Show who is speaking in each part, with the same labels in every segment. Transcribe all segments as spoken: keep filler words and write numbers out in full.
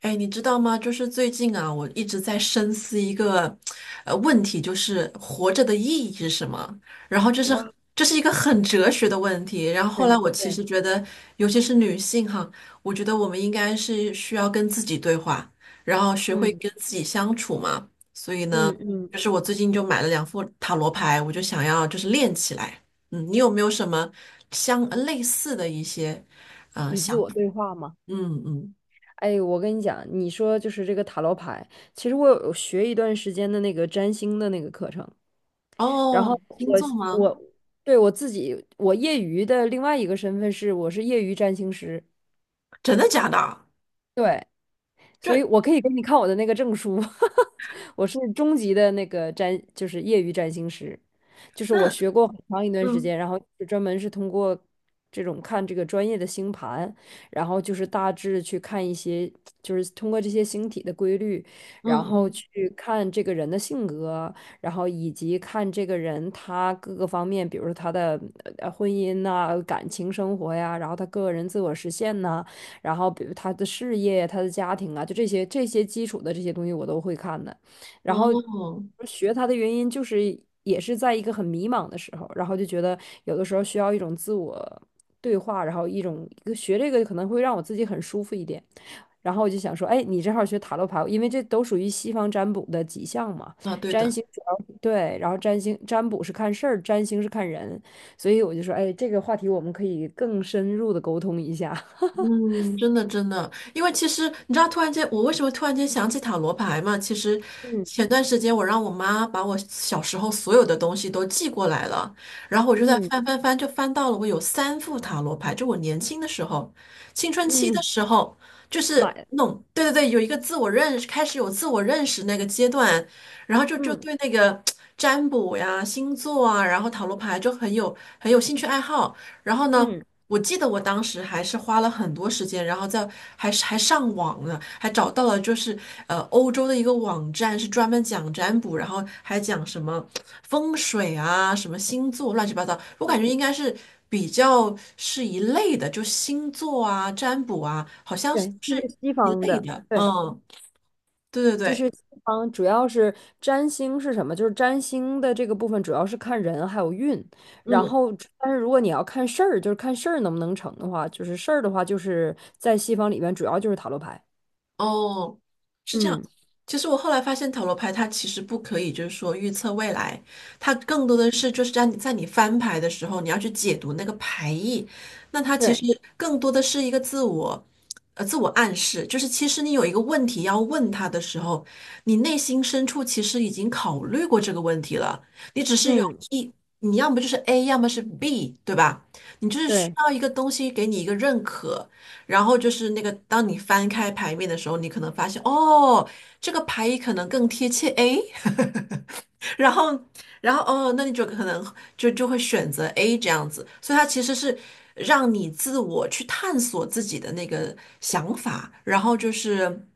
Speaker 1: 哎，你知道吗？就是最近啊，我一直在深思一个呃问题，就是活着的意义是什么？然后就是
Speaker 2: 哇，
Speaker 1: 这是一个很哲学的问题。然后后来
Speaker 2: 对
Speaker 1: 我其
Speaker 2: 对，
Speaker 1: 实觉得，尤其是女性哈，我觉得我们应该是需要跟自己对话，然后学会
Speaker 2: 嗯
Speaker 1: 跟自己相处嘛。所以呢，
Speaker 2: 嗯嗯，
Speaker 1: 就是我最近就买了两副塔罗牌，我就想要就是练起来。嗯，你有没有什么相呃类似的一些呃
Speaker 2: 与
Speaker 1: 想
Speaker 2: 自我
Speaker 1: 法？
Speaker 2: 对话嘛。
Speaker 1: 嗯嗯。
Speaker 2: 哎，我跟你讲，你说就是这个塔罗牌，其实我有学一段时间的那个占星的那个课程，然后
Speaker 1: 哦，星
Speaker 2: 我
Speaker 1: 座吗？
Speaker 2: 我对我自己，我业余的另外一个身份是我是业余占星师。
Speaker 1: 真的假的？
Speaker 2: 对，所以
Speaker 1: 这
Speaker 2: 我可以给你看我的那个证书，我是中级的那个占，就是业余占星师，就是我
Speaker 1: 那
Speaker 2: 学过很长一段时
Speaker 1: 嗯
Speaker 2: 间，然后是专门是通过这种看这个专业的星盘，然后就是大致去看一些，就是通过这些星体的规律，
Speaker 1: 嗯
Speaker 2: 然后
Speaker 1: 嗯，
Speaker 2: 去看这个人的性格，然后以及看这个人他各个方面，比如说他的呃婚姻呐、感情生活呀，然后他个人自我实现呐、然后比如他的事业、他的家庭啊，就这些这些基础的这些东西我都会看的。然后
Speaker 1: 哦，
Speaker 2: 学他的原因就是也是在一个很迷茫的时候，然后就觉得有的时候需要一种自我对话，然后一种一个学这个可能会让我自己很舒服一点。然后我就想说，哎，你正好学塔罗牌，因为这都属于西方占卜的几项嘛。
Speaker 1: 啊，对
Speaker 2: 占
Speaker 1: 的，
Speaker 2: 星主要对，然后占星占卜是看事儿，占星是看人，所以我就说，哎，这个话题我们可以更深入的沟通一下。
Speaker 1: 嗯，真的真的，因为其实你知道，突然间我为什么突然间想起塔罗牌嘛？其实
Speaker 2: 嗯
Speaker 1: 前段时间我让我妈把我小时候所有的东西都寄过来了，然后我就在
Speaker 2: 嗯
Speaker 1: 翻翻翻，就翻到了我有三副塔罗牌，就我年轻的时候，青春期的
Speaker 2: 嗯，
Speaker 1: 时候，就是
Speaker 2: 买，
Speaker 1: 弄，对对对，有一个自我认识，开始有自我认识那个阶段，然后就就
Speaker 2: 嗯
Speaker 1: 对那个占卜呀、星座啊，然后塔罗牌就很有很有兴趣爱好，然后呢。
Speaker 2: 嗯
Speaker 1: 我记得我当时还是花了很多时间，然后在还是还上网呢，还找到了就是呃欧洲的一个网站，是专门讲占卜，然后还讲什么风水啊、什么星座乱七八糟。我感
Speaker 2: 嗯，
Speaker 1: 觉应该是比较是一类的，就星座啊、占卜啊，好像
Speaker 2: 对，这
Speaker 1: 是
Speaker 2: 是西
Speaker 1: 一
Speaker 2: 方
Speaker 1: 类
Speaker 2: 的，
Speaker 1: 的。
Speaker 2: 对，
Speaker 1: 嗯，对对
Speaker 2: 这
Speaker 1: 对，
Speaker 2: 是西方，主要是占星是什么？就是占星的这个部分主要是看人还有运，然
Speaker 1: 嗯。
Speaker 2: 后但是如果你要看事儿，就是看事儿能不能成的话，就是事儿的话，就是在西方里面主要就是塔罗牌。
Speaker 1: 哦，是这样。
Speaker 2: 嗯，
Speaker 1: 其实我后来发现，塔罗牌它其实不可以，就是说预测未来，它更多的是就是在你在你翻牌的时候，你要去解读那个牌意。那它其实
Speaker 2: 对，
Speaker 1: 更多的是一个自我，呃，自我暗示，就是其实你有一个问题要问他的时候，你内心深处其实已经考虑过这个问题了，你只是有
Speaker 2: 嗯，
Speaker 1: 一，你要么就是 A，要么是 B，对吧？你就是需
Speaker 2: 对。
Speaker 1: 要一个东西给你一个认可。然后就是那个，当你翻开牌面的时候，你可能发现，哦，这个牌意可能更贴切，诶，然后，然后哦，那你就可能就就会选择 A 这样子，所以它其实是让你自我去探索自己的那个想法，然后就是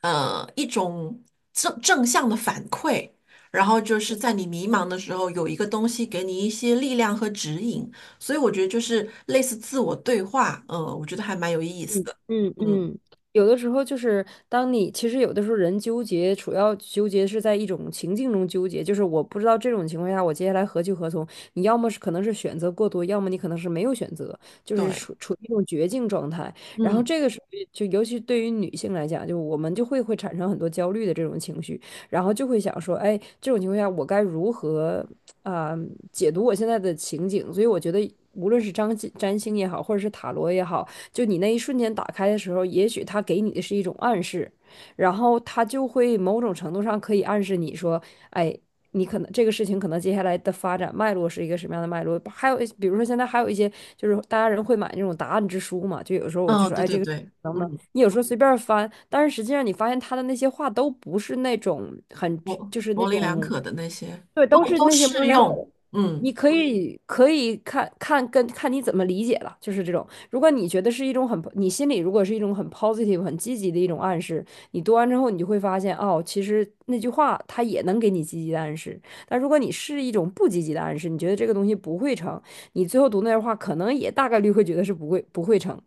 Speaker 1: 呃一种正正向的反馈，然后就是在你迷茫的时候有一个东西给你一些力量和指引，所以我觉得就是类似自我对话，嗯、我觉得还蛮有意思
Speaker 2: 嗯
Speaker 1: 的，
Speaker 2: 嗯
Speaker 1: 嗯，
Speaker 2: 嗯，有的时候就是当你其实有的时候人纠结，主要纠结是在一种情境中纠结，就是我不知道这种情况下我接下来何去何从。你要么是可能是选择过多，要么你可能是没有选择，就是
Speaker 1: 对，
Speaker 2: 处处于一种绝境状态。然后
Speaker 1: 嗯
Speaker 2: 这个时候就尤其对于女性来讲，就我们就会会产生很多焦虑的这种情绪，然后就会想说，哎，这种情况下我该如何啊、解读我现在的情景？所以我觉得无论是张占星也好，或者是塔罗也好，就你那一瞬间打开的时候，也许他给你的是一种暗示，然后他就会某种程度上可以暗示你说，哎，你可能这个事情可能接下来的发展脉络是一个什么样的脉络。还有比如说现在还有一些就是大家人会买那种答案之书嘛，就有时候我就
Speaker 1: 嗯，
Speaker 2: 说，
Speaker 1: 对
Speaker 2: 哎，
Speaker 1: 对
Speaker 2: 这个
Speaker 1: 对，
Speaker 2: 能不能？
Speaker 1: 嗯。
Speaker 2: 你有时候随便翻，但是实际上你发现他的那些话都不是那种很，
Speaker 1: 模
Speaker 2: 就是那
Speaker 1: 模棱两
Speaker 2: 种，
Speaker 1: 可的那些
Speaker 2: 对，
Speaker 1: 都
Speaker 2: 都是
Speaker 1: 都
Speaker 2: 那些模
Speaker 1: 适
Speaker 2: 棱两可
Speaker 1: 用。
Speaker 2: 的。
Speaker 1: 嗯，
Speaker 2: 你可以可以看看跟看你怎么理解了，就是这种。如果你觉得是一种很，你心里如果是一种很 positive、很积极的一种暗示，你读完之后，你就会发现，哦，其实那句话它也能给你积极的暗示。但如果你是一种不积极的暗示，你觉得这个东西不会成，你最后读那句话，可能也大概率会觉得是不会不会成。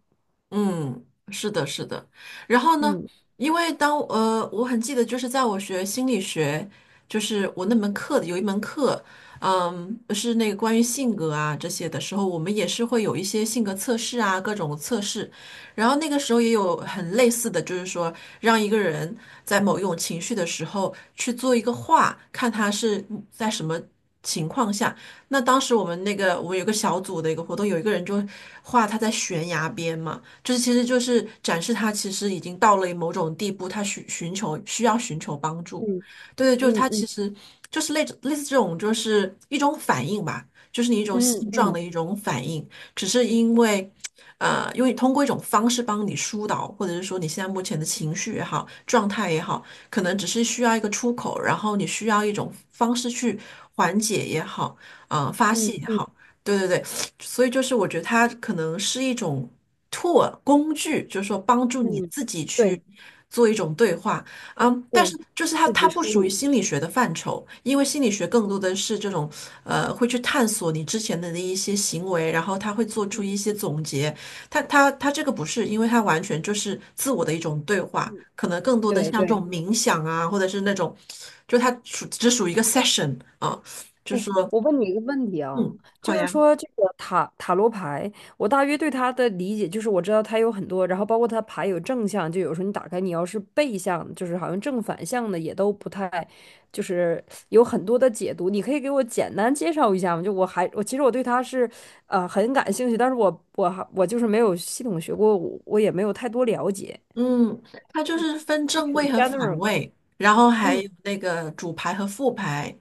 Speaker 1: 嗯，是的，是的。然后呢，
Speaker 2: 嗯
Speaker 1: 因为当呃，我很记得，就是在我学心理学，就是我那门课的有一门课，嗯，是那个关于性格啊这些的时候，我们也是会有一些性格测试啊，各种测试。然后那个时候也有很类似的，就是说让一个人在某一种情绪的时候去做一个画，看他是在什么情况下。那当时我们那个我们有个小组的一个活动，有一个人就画他在悬崖边嘛。就是其实就是展示他其实已经到了某种地步，他寻寻求需要寻求帮助。
Speaker 2: 嗯
Speaker 1: 对，对，就是他
Speaker 2: 嗯
Speaker 1: 其
Speaker 2: 嗯
Speaker 1: 实就是类类似这种，就是一种反应吧，就是你一种
Speaker 2: 嗯
Speaker 1: 现状
Speaker 2: 嗯
Speaker 1: 的一种反应，只是因为。呃，因为通过一种方式帮你疏导，或者是说你现在目前的情绪也好，状态也好，可能只是需要一个出口，然后你需要一种方式去缓解也好，呃，发泄
Speaker 2: 嗯
Speaker 1: 也
Speaker 2: 嗯
Speaker 1: 好，对对对，所以就是我觉得它可能是一种 tool 工具，就是说帮助你
Speaker 2: 嗯，
Speaker 1: 自己去
Speaker 2: 对
Speaker 1: 做一种对话，嗯，但是
Speaker 2: 对，
Speaker 1: 就是它
Speaker 2: 自
Speaker 1: 它
Speaker 2: 己
Speaker 1: 不
Speaker 2: 梳
Speaker 1: 属于
Speaker 2: 理，
Speaker 1: 心理学的范畴，因为心理学更多的是这种呃会去探索你之前的那一些行为，然后他会做出
Speaker 2: 嗯
Speaker 1: 一些总结，它它它这个不是，因为它完全就是自我的一种对话，
Speaker 2: 嗯
Speaker 1: 可
Speaker 2: 嗯，
Speaker 1: 能更多的
Speaker 2: 对
Speaker 1: 像这种
Speaker 2: 对。
Speaker 1: 冥想啊，或者是那种，就它属只属于一个 session 啊，就是说，
Speaker 2: 我问你一个问题啊，
Speaker 1: 嗯，
Speaker 2: 就
Speaker 1: 好
Speaker 2: 是
Speaker 1: 呀。
Speaker 2: 说这个塔塔罗牌，我大约对它的理解就是，我知道它有很多，然后包括它牌有正向，就有时候你打开，你要是背向，就是好像正反向的也都不太，就是有很多的解读。你可以给我简单介绍一下吗？就我还我其实我对它是呃很感兴趣，但是我我还我就是没有系统学过，我我也没有太多了解。
Speaker 1: 嗯，它就是分
Speaker 2: 基
Speaker 1: 正
Speaker 2: 础
Speaker 1: 位和反
Speaker 2: general，
Speaker 1: 位，然后还
Speaker 2: 嗯
Speaker 1: 有那个主牌和副牌。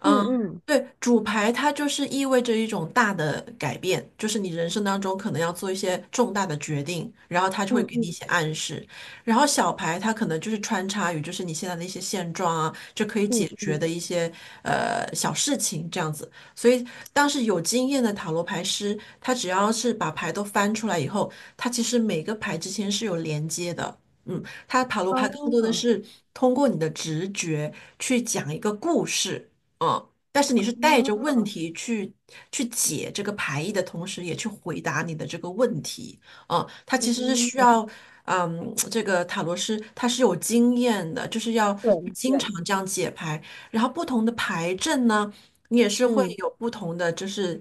Speaker 1: 嗯，
Speaker 2: 嗯嗯
Speaker 1: 对，主牌它就是意味着一种大的改变，就是你人生当中可能要做一些重大的决定，然后它就
Speaker 2: 嗯
Speaker 1: 会给你一
Speaker 2: 嗯
Speaker 1: 些暗示。然后小牌它可能就是穿插于就是你现在的一些现状啊，就可以
Speaker 2: 嗯
Speaker 1: 解决的
Speaker 2: 嗯，
Speaker 1: 一些呃小事情这样子。所以当时有经验的塔罗牌师，他只要是把牌都翻出来以后。它其实每个牌之间是有连接的。嗯，它塔罗牌更多的
Speaker 2: 啊
Speaker 1: 是通过你的直觉去讲一个故事，嗯，但是你是带着问
Speaker 2: 啊。
Speaker 1: 题去去解这个牌意的同时，也去回答你的这个问题，嗯，它其实是
Speaker 2: 嗯
Speaker 1: 需要，嗯，这个塔罗师他是有经验的，就是要
Speaker 2: 对
Speaker 1: 经常
Speaker 2: 对，
Speaker 1: 这样解牌，然后不同的牌阵呢。你也是会
Speaker 2: 嗯，
Speaker 1: 有不同的，就是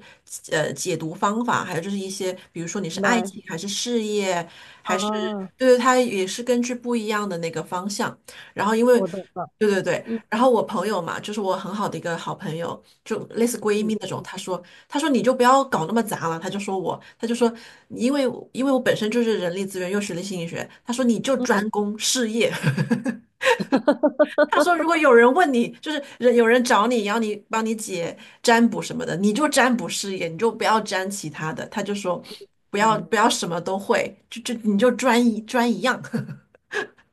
Speaker 1: 呃解读方法，还有就是一些，比如说你是
Speaker 2: 明
Speaker 1: 爱
Speaker 2: 白
Speaker 1: 情还是事业，
Speaker 2: 啊，
Speaker 1: 还是对对，它也是根据不一样的那个方向。然后因为
Speaker 2: 我懂了，
Speaker 1: 对对对，
Speaker 2: 嗯
Speaker 1: 然后我朋友嘛，就是我很好的一个好朋友，就类似闺蜜那
Speaker 2: 嗯
Speaker 1: 种，她说她说你就不要搞那么杂了，她就说我，她就说因为因为我本身就是人力资源又学了心理学，她说你就
Speaker 2: 嗯。
Speaker 1: 专攻事业，他说，如果有人问你，就是人有人找你，然后你帮你解占卜什么的，你就占卜事业，你就不要占其他的。他就说，不要
Speaker 2: 嗯
Speaker 1: 不要什么都会，就就你就专一专一样。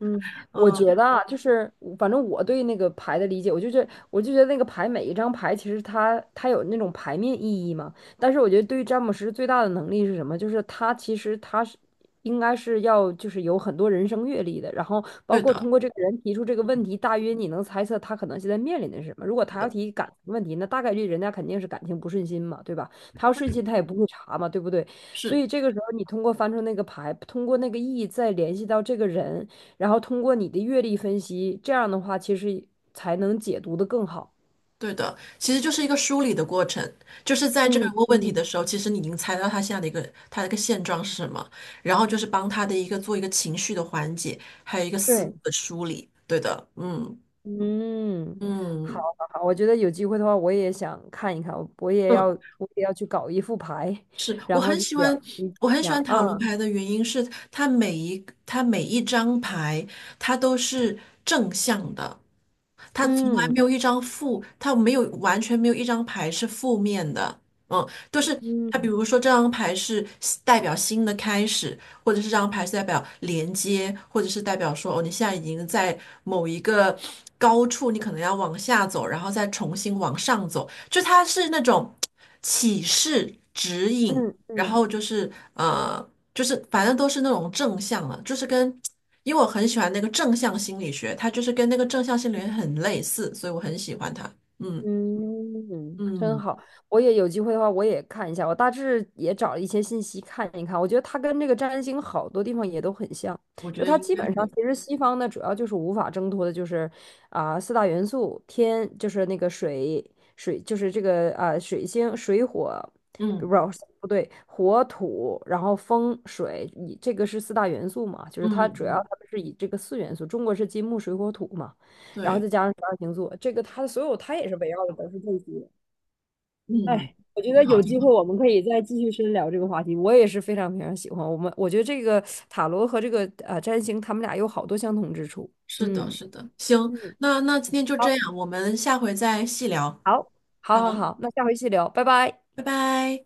Speaker 2: 嗯，我
Speaker 1: 嗯，
Speaker 2: 觉得啊，就是反正我对那个牌的理解，我就觉我就觉得那个牌每一张牌其实它它有那种牌面意义嘛。但是我觉得对于詹姆斯最大的能力是什么？就是他其实他是应该是要就是有很多人生阅历的，然后包
Speaker 1: 对
Speaker 2: 括
Speaker 1: 的，
Speaker 2: 通过这个人提出这个问题，大约你能猜测他可能现在面临的是什么。如果
Speaker 1: 是
Speaker 2: 他要
Speaker 1: 的，
Speaker 2: 提感情问题，那大概率人家肯定是感情不顺心嘛，对吧？他要顺心，他也不会查嘛，对不对？所
Speaker 1: 是
Speaker 2: 以这个时候你通过翻出那个牌，通过那个意义再联系到这个人。然后通过你的阅历分析，这样的话其实才能解读的更好。
Speaker 1: 对的。其实就是一个梳理的过程，就是在这个人
Speaker 2: 嗯
Speaker 1: 问问题的
Speaker 2: 嗯，
Speaker 1: 时候，其实你已经猜到他现在的一个他的一个现状是什么，然后就是帮他的一个做一个情绪的缓解，还有一个思路
Speaker 2: 对，
Speaker 1: 的梳理。对的，嗯
Speaker 2: 嗯，好，
Speaker 1: 嗯
Speaker 2: 好，好，我觉得有机会的话，我也想看一看，我也要，
Speaker 1: 嗯。
Speaker 2: 我也要去搞一副牌，
Speaker 1: 是我
Speaker 2: 然后
Speaker 1: 很
Speaker 2: 就
Speaker 1: 喜
Speaker 2: 了
Speaker 1: 欢，
Speaker 2: 解一
Speaker 1: 我很喜
Speaker 2: 下
Speaker 1: 欢塔罗
Speaker 2: 啊，
Speaker 1: 牌的原因是，它每一它每一张牌，它都是正向的，它从来没
Speaker 2: 嗯
Speaker 1: 有一张负，它没有完全没有一张牌是负面的，嗯，都是它，比
Speaker 2: 嗯
Speaker 1: 如说这张牌是代表新的开始，或者是这张牌是代表连接，或者是代表说哦，你现在已经在某一个高处，你可能要往下走，然后再重新往上走。就它是那种启示、指引，
Speaker 2: 嗯嗯
Speaker 1: 然
Speaker 2: 嗯。
Speaker 1: 后就是呃，就是反正都是那种正向了，就是跟，因为我很喜欢那个正向心理学，它就是跟那个正向心理学很类似，所以我很喜欢它。嗯
Speaker 2: 嗯，真
Speaker 1: 嗯，
Speaker 2: 好，我也有机会的话，我也看一下。我大致也找了一些信息看一看。我觉得它跟这个占星好多地方也都很像，
Speaker 1: 我觉
Speaker 2: 就
Speaker 1: 得
Speaker 2: 它
Speaker 1: 应
Speaker 2: 基
Speaker 1: 该
Speaker 2: 本上
Speaker 1: 会。
Speaker 2: 其实西方呢，主要就是无法挣脱的，就是啊、四大元素，天就是那个水，水就是这个啊、水星、水火，不
Speaker 1: 嗯
Speaker 2: 不对，火土，然后风水，以这个是四大元素嘛，就
Speaker 1: 嗯
Speaker 2: 是它主要
Speaker 1: 嗯，
Speaker 2: 他们是以这个四元素，中国是金木水火土嘛。然后
Speaker 1: 对，
Speaker 2: 再加上十二星座，这个它的所有它也是围绕的都是这些。
Speaker 1: 嗯，
Speaker 2: 哎，我觉
Speaker 1: 挺
Speaker 2: 得
Speaker 1: 好
Speaker 2: 有
Speaker 1: 挺
Speaker 2: 机会
Speaker 1: 好。
Speaker 2: 我们可以再继续深聊这个话题。我也是非常非常喜欢我们，我觉得这个塔罗和这个呃占星，他们俩有好多相同之处。
Speaker 1: 是的，
Speaker 2: 嗯，
Speaker 1: 是的。行，
Speaker 2: 嗯，
Speaker 1: 那那今天就这
Speaker 2: 好，
Speaker 1: 样，我们下回再细聊。
Speaker 2: 好，
Speaker 1: 好，
Speaker 2: 好好好，那下回细聊，拜拜。
Speaker 1: 拜拜。